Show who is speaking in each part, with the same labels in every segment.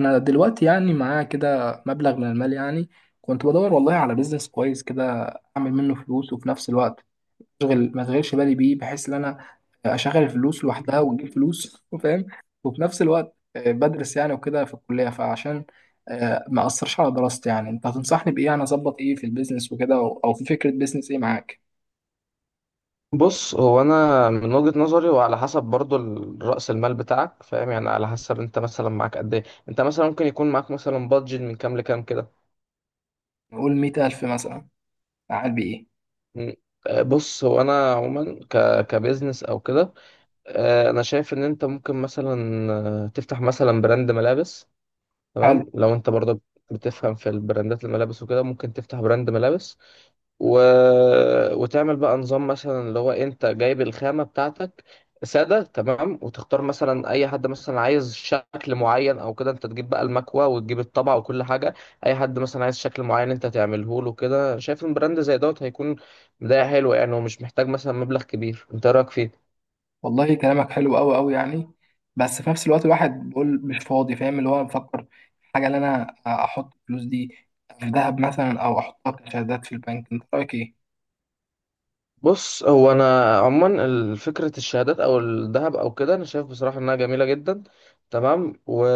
Speaker 1: انا دلوقتي يعني معايا كده مبلغ من المال، يعني كنت بدور والله على بيزنس كويس كده، اعمل منه فلوس وفي نفس الوقت ما اشغلش بالي بيه، بحيث ان انا اشغل الفلوس لوحدها وتجيب فلوس. فاهم؟ وفي نفس الوقت بدرس يعني وكده في الكلية، فعشان ما اثرش على دراستي. يعني انت هتنصحني بايه؟ انا اظبط ايه في البيزنس وكده، او في فكرة بيزنس ايه معاك؟
Speaker 2: بص، هو انا من وجهة نظري وعلى حسب برضو رأس المال بتاعك. فاهم؟ يعني على حسب انت مثلا معاك قد ايه. انت مثلا ممكن يكون معاك مثلا بادجت من كام لكام كده.
Speaker 1: نقول 100,000 مثلا، اعمل بيه
Speaker 2: م. بص، هو انا عموما كبزنس او كده. انا شايف ان انت ممكن مثلا تفتح مثلا براند ملابس.
Speaker 1: ايه؟
Speaker 2: تمام، لو انت برضو بتفهم في البراندات الملابس وكده ممكن تفتح براند ملابس و... وتعمل بقى نظام مثلا اللي هو انت جايب الخامة بتاعتك سادة. تمام، وتختار مثلا اي حد مثلا عايز شكل معين او كده، انت تجيب بقى المكوة وتجيب الطبعة وكل حاجة. اي حد مثلا عايز شكل معين انت تعمله له كده. شايف ان براند زي دوت هيكون بداية حلوة يعني، ومش محتاج مثلا مبلغ كبير. انت إيه رأيك فيه؟
Speaker 1: والله كلامك حلو قوي قوي يعني، بس في نفس الوقت الواحد بيقول مش فاضي. فاهم؟ اللي هو بفكر في حاجه، اللي انا احط الفلوس دي في ذهب مثلا، او احطها كشهادات في البنك. انت رايك ايه؟
Speaker 2: بص، هو انا عموما فكره الشهادات او الذهب او كده، انا شايف بصراحه انها جميله جدا. تمام،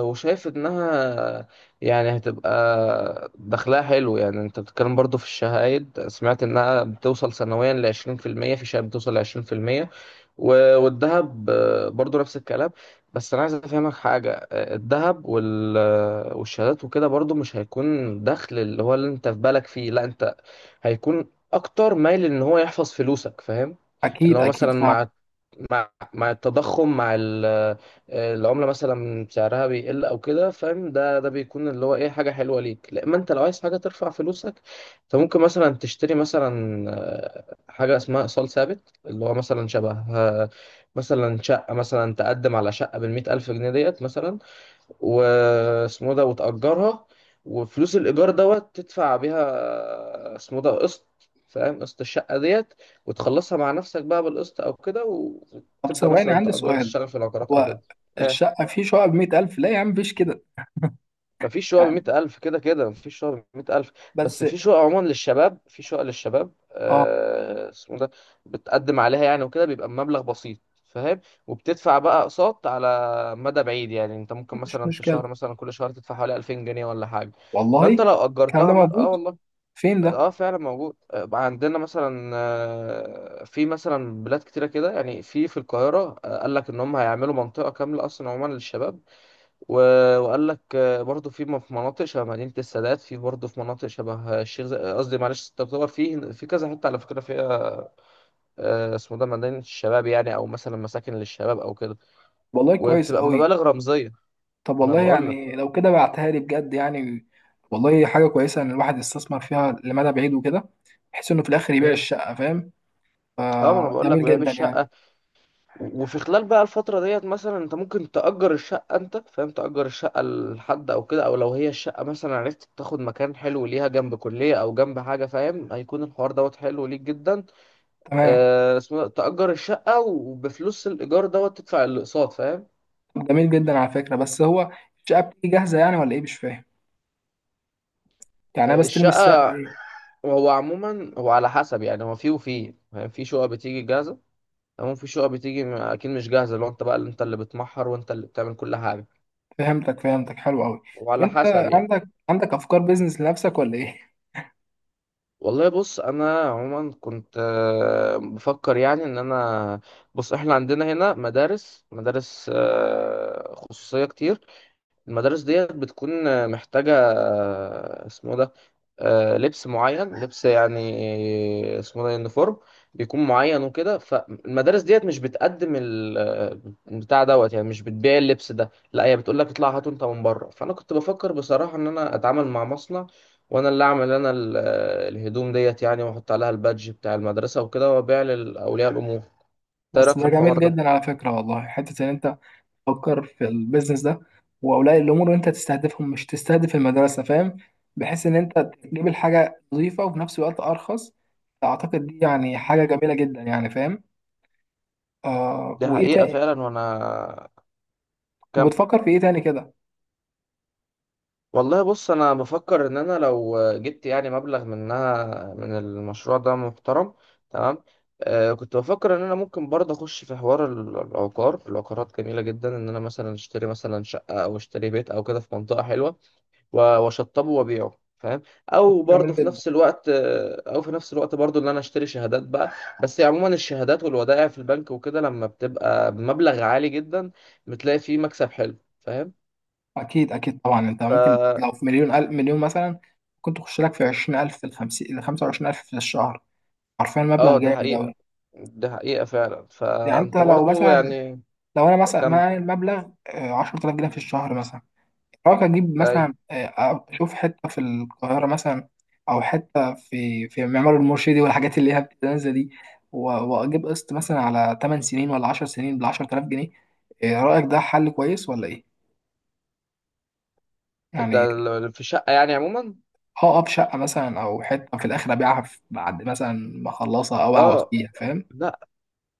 Speaker 2: وشايف انها يعني هتبقى دخلها حلو. يعني انت بتتكلم برضو في الشهايد، سمعت انها بتوصل سنويا ل 20% في المية، في شهاده بتوصل ل 20%. و... والذهب برضو نفس الكلام. بس انا عايز افهمك حاجه. الذهب والشهادات وكده برضو مش هيكون دخل اللي هو اللي انت في بالك فيه. لا، انت هيكون اكتر مايل ان هو يحفظ فلوسك. فاهم؟ اللي
Speaker 1: اكيد
Speaker 2: هو
Speaker 1: اكيد
Speaker 2: مثلا
Speaker 1: صعب.
Speaker 2: مع التضخم، مع العمله مثلا سعرها بيقل او كده. فاهم؟ ده بيكون اللي هو ايه، حاجه حلوه ليك. لا، ما انت لو عايز حاجه ترفع فلوسك انت ممكن مثلا تشتري مثلا حاجه اسمها ايصال ثابت، اللي هو مثلا شبه مثلا شقه. مثلا تقدم على شقه بالمئة الف جنيه ديت مثلا، واسمه ده وتأجرها، وفلوس الإيجار دوت تدفع بيها اسمه ده قسط. فاهم؟ قسط الشقة ديت، وتخلصها مع نفسك بقى بالقسط أو كده،
Speaker 1: طب
Speaker 2: وتبدأ
Speaker 1: ثواني،
Speaker 2: مثلا
Speaker 1: عندي
Speaker 2: تأجر،
Speaker 1: سؤال.
Speaker 2: تشتغل في العقارات أو
Speaker 1: هو
Speaker 2: كده. آه.
Speaker 1: الشقه، في شقه ب 100,000؟ لا يا عم، مفيش كده
Speaker 2: مفيش شقق
Speaker 1: يعني.
Speaker 2: بمئة ألف، كده كده مفيش شقق بمئة ألف.
Speaker 1: بس
Speaker 2: بس في شقق عموما للشباب، في شقق للشباب
Speaker 1: اه،
Speaker 2: اسمه ده، بتقدم عليها يعني وكده بيبقى بمبلغ بسيط. فاهم؟ وبتدفع بقى أقساط على مدى بعيد. يعني أنت ممكن
Speaker 1: مش
Speaker 2: مثلا في الشهر،
Speaker 1: مشكله.
Speaker 2: مثلا كل شهر تدفع حوالي 2000 جنيه ولا حاجة. فأنت
Speaker 1: والله
Speaker 2: لو
Speaker 1: الكلام ده
Speaker 2: أجرتها
Speaker 1: موجود
Speaker 2: والله.
Speaker 1: فين ده؟
Speaker 2: آه فعلا موجود. عندنا مثلا في مثلا بلاد كتيرة كده. يعني في في القاهرة قال لك إن هم هيعملوا منطقة كاملة أصلا عموما للشباب. وقال لك برضه في في مناطق شبه مدينة السادات، في برضه في مناطق شبه الشيخ زايد. قصدي، معلش، تعتبر في في كذا حتة على فكرة فيها اسمه ده، مدينة الشباب يعني، أو مثلا مساكن للشباب أو كده،
Speaker 1: والله كويس
Speaker 2: وبتبقى
Speaker 1: قوي.
Speaker 2: مبالغ رمزية.
Speaker 1: طب
Speaker 2: أنا
Speaker 1: والله
Speaker 2: بقول لك.
Speaker 1: يعني لو كده بعتها لي بجد يعني، والله حاجة كويسة إن الواحد يستثمر فيها لمدى بعيد وكده، بحيث إنه في الآخر يبيع
Speaker 2: مم.
Speaker 1: الشقة. فاهم؟
Speaker 2: اه، ما انا بقول لك،
Speaker 1: فجميل
Speaker 2: بيع
Speaker 1: جدا يعني.
Speaker 2: الشقه، وفي خلال بقى الفتره ديت مثلا انت ممكن تأجر الشقه. انت فاهم؟ تأجر الشقه لحد او كده، او لو هي الشقه مثلا عرفت تاخد مكان حلو ليها جنب كليه او جنب حاجه، فاهم؟ هيكون الحوار دوت حلو ليك جدا.
Speaker 1: تمام.
Speaker 2: اسمه ده، تأجر الشقة وبفلوس الإيجار دوت تدفع الأقساط. فاهم؟
Speaker 1: طب جميل جدا على فكرة. بس هو الشقة بتيجي جاهزة يعني ولا إيه؟ مش فاهم يعني. أنا بستلم الشقة
Speaker 2: الشقة.
Speaker 1: ليه؟
Speaker 2: هو عموما، هو على حسب يعني، هو فيه وفيه، فاهم؟ في شقق بتيجي جاهزة، تمام، في شقق بتيجي أكيد مش جاهزة لو أنت بقى اللي أنت اللي بتمحر وأنت اللي بتعمل كل حاجة،
Speaker 1: فهمتك فهمتك، حلو أوي. طب
Speaker 2: وعلى
Speaker 1: أنت
Speaker 2: حسب يعني.
Speaker 1: عندك أفكار بيزنس لنفسك ولا إيه؟
Speaker 2: والله، بص، أنا عموما كنت بفكر يعني إن أنا. بص، إحنا عندنا هنا مدارس خصوصية كتير. المدارس ديت بتكون محتاجة اسمه ده، لبس معين، لبس يعني اسمه ده يونيفورم، بيكون معين وكده. فالمدارس ديت مش بتقدم بتاع دوت، يعني مش بتبيع اللبس ده. لا، هي بتقول لك اطلع هاته انت من بره. فانا كنت بفكر بصراحة ان انا اتعامل مع مصنع، وانا اللي اعمل انا الهدوم ديت يعني، واحط عليها البادج بتاع المدرسة وكده، وابيع لاولياء الامور. إنت ايه
Speaker 1: بس
Speaker 2: رايك في
Speaker 1: ده
Speaker 2: الحوار
Speaker 1: جميل
Speaker 2: ده؟
Speaker 1: جدا على فكرة والله، حتة إن أنت تفكر في البيزنس ده. واولياء الامور اللي انت تستهدفهم، مش تستهدف المدرسه. فاهم؟ بحيث ان انت تجيب الحاجه نظيفه وفي نفس الوقت ارخص. اعتقد دي يعني حاجه جميله جدا يعني. فاهم؟ آه،
Speaker 2: دي
Speaker 1: وايه
Speaker 2: حقيقة
Speaker 1: تاني؟
Speaker 2: فعلا. وانا، كم.
Speaker 1: وبتفكر في ايه تاني كده؟
Speaker 2: والله، بص، انا بفكر ان انا لو جبت يعني مبلغ منها، من المشروع ده محترم. تمام. آه، كنت بفكر ان انا ممكن برضه اخش في حوار العقارات. جميله جدا ان انا مثلا اشتري مثلا شقه او اشتري بيت او كده في منطقه حلوه، واشطبه وابيعه. فاهم؟ او
Speaker 1: جميل
Speaker 2: برضه في
Speaker 1: جدا.
Speaker 2: نفس الوقت او في نفس الوقت برضه ان انا اشتري شهادات بقى. بس يعني عموما الشهادات والودائع في البنك وكده، لما بتبقى بمبلغ عالي جدا بتلاقي فيه مكسب حلو. فاهم؟
Speaker 1: اكيد اكيد طبعا. انت
Speaker 2: ف
Speaker 1: ممكن لو في مليون ألف مليون مثلا، كنت تخش لك في 20,000 في الخمسين، ل 25,000 في الشهر. حرفيا مبلغ
Speaker 2: اه، ده
Speaker 1: جامد
Speaker 2: حقيقة،
Speaker 1: أوي.
Speaker 2: دي حقيقة فعلا.
Speaker 1: يعني انت
Speaker 2: فأنت
Speaker 1: لو
Speaker 2: برضو
Speaker 1: مثلا
Speaker 2: يعني،
Speaker 1: لو انا مثلا
Speaker 2: كم،
Speaker 1: معايا المبلغ 10,000 جنيه في الشهر مثلا، حاول أجيب
Speaker 2: أيوة.
Speaker 1: مثلا أشوف حتة في القاهرة مثلا، أو حتة في معمار المرشدي والحاجات اللي هي بتنزل دي، و- وأجيب قسط مثلا على 8 سنين ولا 10 سنين ب 10,000 جنيه. إيه رأيك؟ ده حل كويس ولا إيه؟ يعني
Speaker 2: في شقة يعني عموما.
Speaker 1: هقف شقة مثلا، أو حتة في الآخر أبيعها بعد مثلا ما أخلصها، أو أقعد
Speaker 2: اه،
Speaker 1: فيها. فاهم؟
Speaker 2: لا،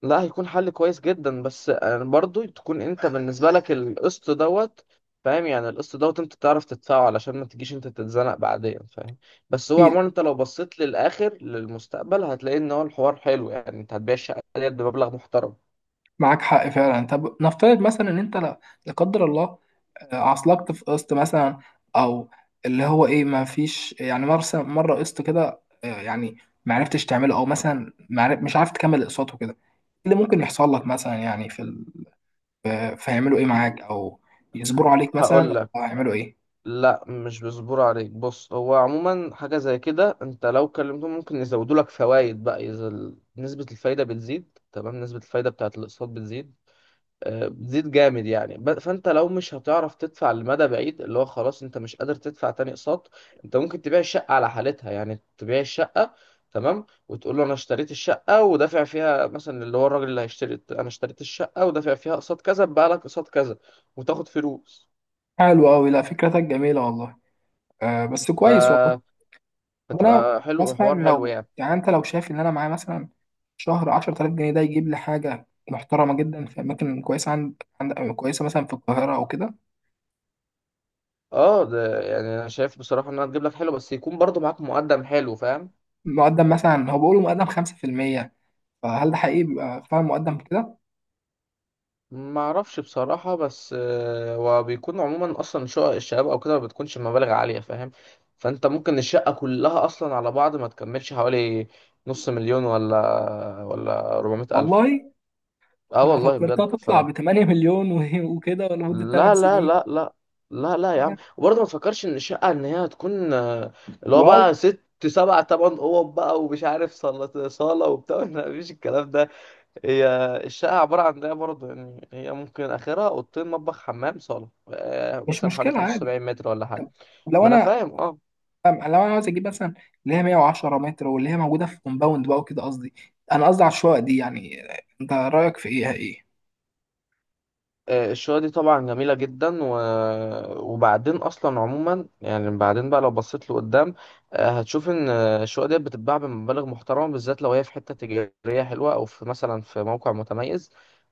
Speaker 2: لا هيكون حل كويس جدا، بس يعني برضو تكون انت بالنسبة لك القسط دوت فاهم. يعني القسط دوت انت تعرف تدفعه علشان ما تجيش انت تتزنق بعدين، فاهم؟ بس هو
Speaker 1: أكيد.
Speaker 2: عموما انت لو بصيت للآخر، للمستقبل، هتلاقي ان هو الحوار حلو. يعني انت هتبيع الشقة ديت بمبلغ محترم.
Speaker 1: معاك حق فعلا. طب نفترض مثلا إن أنت، لا قدر الله، عصلجت في قسط مثلا، او اللي هو ايه، ما فيش يعني مره قسط كده، يعني ما عرفتش تعمله، او مثلا ما عرف- مش عارف تكمل اقساطه كده. إيه اللي ممكن يحصل لك مثلا يعني في ال... آه، فيعملوا ايه معاك، او يصبروا عليك مثلا،
Speaker 2: هقول،
Speaker 1: ولا هيعملوا ايه؟
Speaker 2: لا مش بيصبروا عليك. بص، هو عموما حاجة زي كده، انت لو كلمتهم ممكن يزودوا لك فوائد بقى. اذا نسبة الفايدة بتزيد، تمام، نسبة الفايدة بتاعت الاقساط بتزيد. بتزيد جامد يعني. فانت لو مش هتعرف تدفع لمدى بعيد، اللي هو خلاص انت مش قادر تدفع تاني اقساط، انت ممكن تبيع الشقة على حالتها. يعني تبيع الشقة، تمام، وتقول له انا اشتريت الشقة ودافع فيها مثلا. اللي هو الراجل اللي هيشتري، انا اشتريت الشقة ودافع فيها اقساط كذا بقى لك اقساط كذا، وتاخد فلوس.
Speaker 1: حلو قوي، لا فكرتك جميله والله. آه، بس
Speaker 2: ف
Speaker 1: كويس والله. طب انا
Speaker 2: بتبقى حلو،
Speaker 1: مثلا،
Speaker 2: حوار حلو
Speaker 1: لو
Speaker 2: يعني.
Speaker 1: يعني انت لو شايف ان انا معايا مثلا شهر 10,000 جنيه، ده يجيب لي حاجه محترمه جدا في اماكن كويسه، عند كويسه مثلا في القاهره او كده.
Speaker 2: اه ده، يعني انا شايف بصراحه انها تجيب لك حلو، بس يكون برضو معاك مقدم حلو، فاهم.
Speaker 1: مقدم مثلا، هو بيقولوا مقدم 5%، فهل ده حقيقي بيبقى فعلا مقدم كده؟
Speaker 2: ما اعرفش بصراحه، بس وبيكون عموما اصلا شقق الشباب او كده ما بتكونش مبالغ عاليه، فاهم. فانت ممكن الشقه كلها اصلا على بعض ما تكملش حوالي نص مليون، ولا 400 الف.
Speaker 1: والله
Speaker 2: اه
Speaker 1: انا
Speaker 2: والله
Speaker 1: فكرتها
Speaker 2: بجد. ف
Speaker 1: تطلع ب 8 مليون وكده لمده 8
Speaker 2: لا لا
Speaker 1: سنين.
Speaker 2: لا لا، لا لا يا عم. وبرضه ما تفكرش ان الشقه ان هي هتكون اللي هو
Speaker 1: واو.
Speaker 2: بقى ست سبع تمن اوض بقى، ومش عارف صالة وبتاع. لا، مفيش الكلام ده. هي الشقة عبارة عن ده برضه يعني. هي ممكن آخرها أوضتين، مطبخ، حمام، صالة،
Speaker 1: مش
Speaker 2: مثلا حوالي
Speaker 1: مشكله، عادي.
Speaker 2: 75 متر ولا حاجة.
Speaker 1: طب لو
Speaker 2: ما أنا
Speaker 1: انا
Speaker 2: فاهم أه.
Speaker 1: لو انا عاوز اجيب مثلا اللي هي 110 متر، واللي هي موجوده في كومباوند بقى وكده. قصدي، انا قصدي على الشقق دي يعني. انت رايك في ايه؟
Speaker 2: الشقة دي طبعا جميلة جدا وبعدين أصلا عموما يعني بعدين بقى لو بصيت لقدام هتشوف إن الشقق دي بتتباع بمبالغ محترمة، بالذات لو هي في حتة تجارية حلوة أو في مثلا في موقع متميز.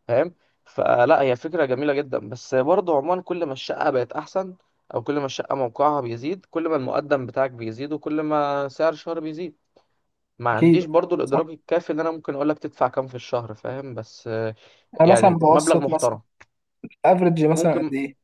Speaker 2: فاهم؟ فلا، هي فكرة جميلة جدا. بس برضه عموما كل ما الشقة بقت أحسن، أو كل ما الشقة موقعها بيزيد، كل ما المقدم بتاعك بيزيد، وكل ما سعر الشهر بيزيد. ما
Speaker 1: اكيد.
Speaker 2: عنديش برضه
Speaker 1: صح.
Speaker 2: الإدراك الكافي إن أنا ممكن أقولك تدفع كام في الشهر، فاهم، بس
Speaker 1: انا مثلا
Speaker 2: يعني مبلغ
Speaker 1: متوسط مثلا
Speaker 2: محترم.
Speaker 1: افريج مثلا قد
Speaker 2: ممكن،
Speaker 1: ايه؟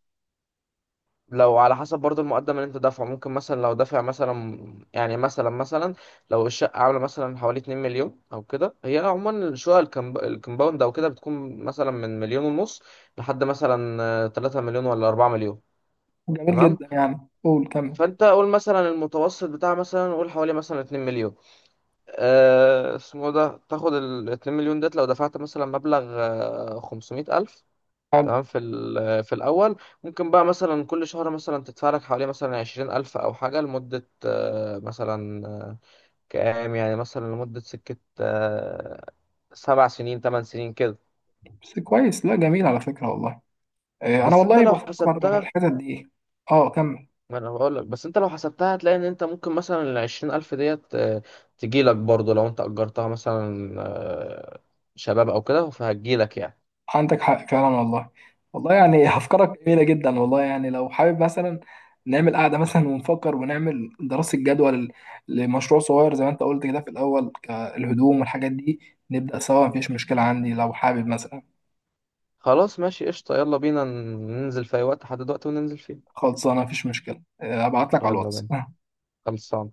Speaker 2: لو على حسب برضو المقدم اللي انت دافعه، ممكن مثلا لو دافع مثلا يعني مثلا لو الشقة عاملة مثلا حوالي 2 مليون او كده. هي عموما الشقق الكمباوند او كده بتكون مثلا من مليون ونص لحد مثلا 3 مليون ولا 4 مليون.
Speaker 1: جميل
Speaker 2: تمام،
Speaker 1: جدا يعني، قول كمل.
Speaker 2: فانت قول مثلا المتوسط بتاع مثلا، قول حوالي مثلا 2 مليون. اسمه ده، تاخد ال 2 مليون ديت. لو دفعت مثلا مبلغ 500 ألف،
Speaker 1: حلو.
Speaker 2: تمام، في في الاول ممكن بقى مثلا كل شهر مثلا تدفع لك حوالي مثلا 20,000 او حاجه لمده مثلا كام، يعني مثلا لمده سكه 7 سنين 8 سنين كده.
Speaker 1: بس كويس، لا جميل على فكره والله. انا
Speaker 2: بس انت
Speaker 1: والله
Speaker 2: لو
Speaker 1: بفكر في
Speaker 2: حسبتها،
Speaker 1: الحتت دي. اه، كمل.
Speaker 2: ما انا بقول لك، بس انت لو حسبتها هتلاقي ان انت ممكن مثلا ال 20,000 ديت تجي لك برضه، لو انت اجرتها مثلا شباب او كده فهتجي لك يعني.
Speaker 1: عندك حق فعلا والله. والله يعني افكارك جميله جدا والله، يعني لو حابب مثلا نعمل قعده مثلا ونفكر، ونعمل دراسه جدوى لمشروع صغير، زي ما انت قلت كده في الاول، الهدوم والحاجات دي، نبدا سوا. مفيش مشكله عندي لو حابب مثلا.
Speaker 2: خلاص، ماشي، قشطه. يلا بينا، ننزل في اي وقت، حدد وقت وننزل فيه.
Speaker 1: خلصانه، مفيش مشكله. ابعت لك على
Speaker 2: يلا
Speaker 1: الواتس.
Speaker 2: بينا. خلصان.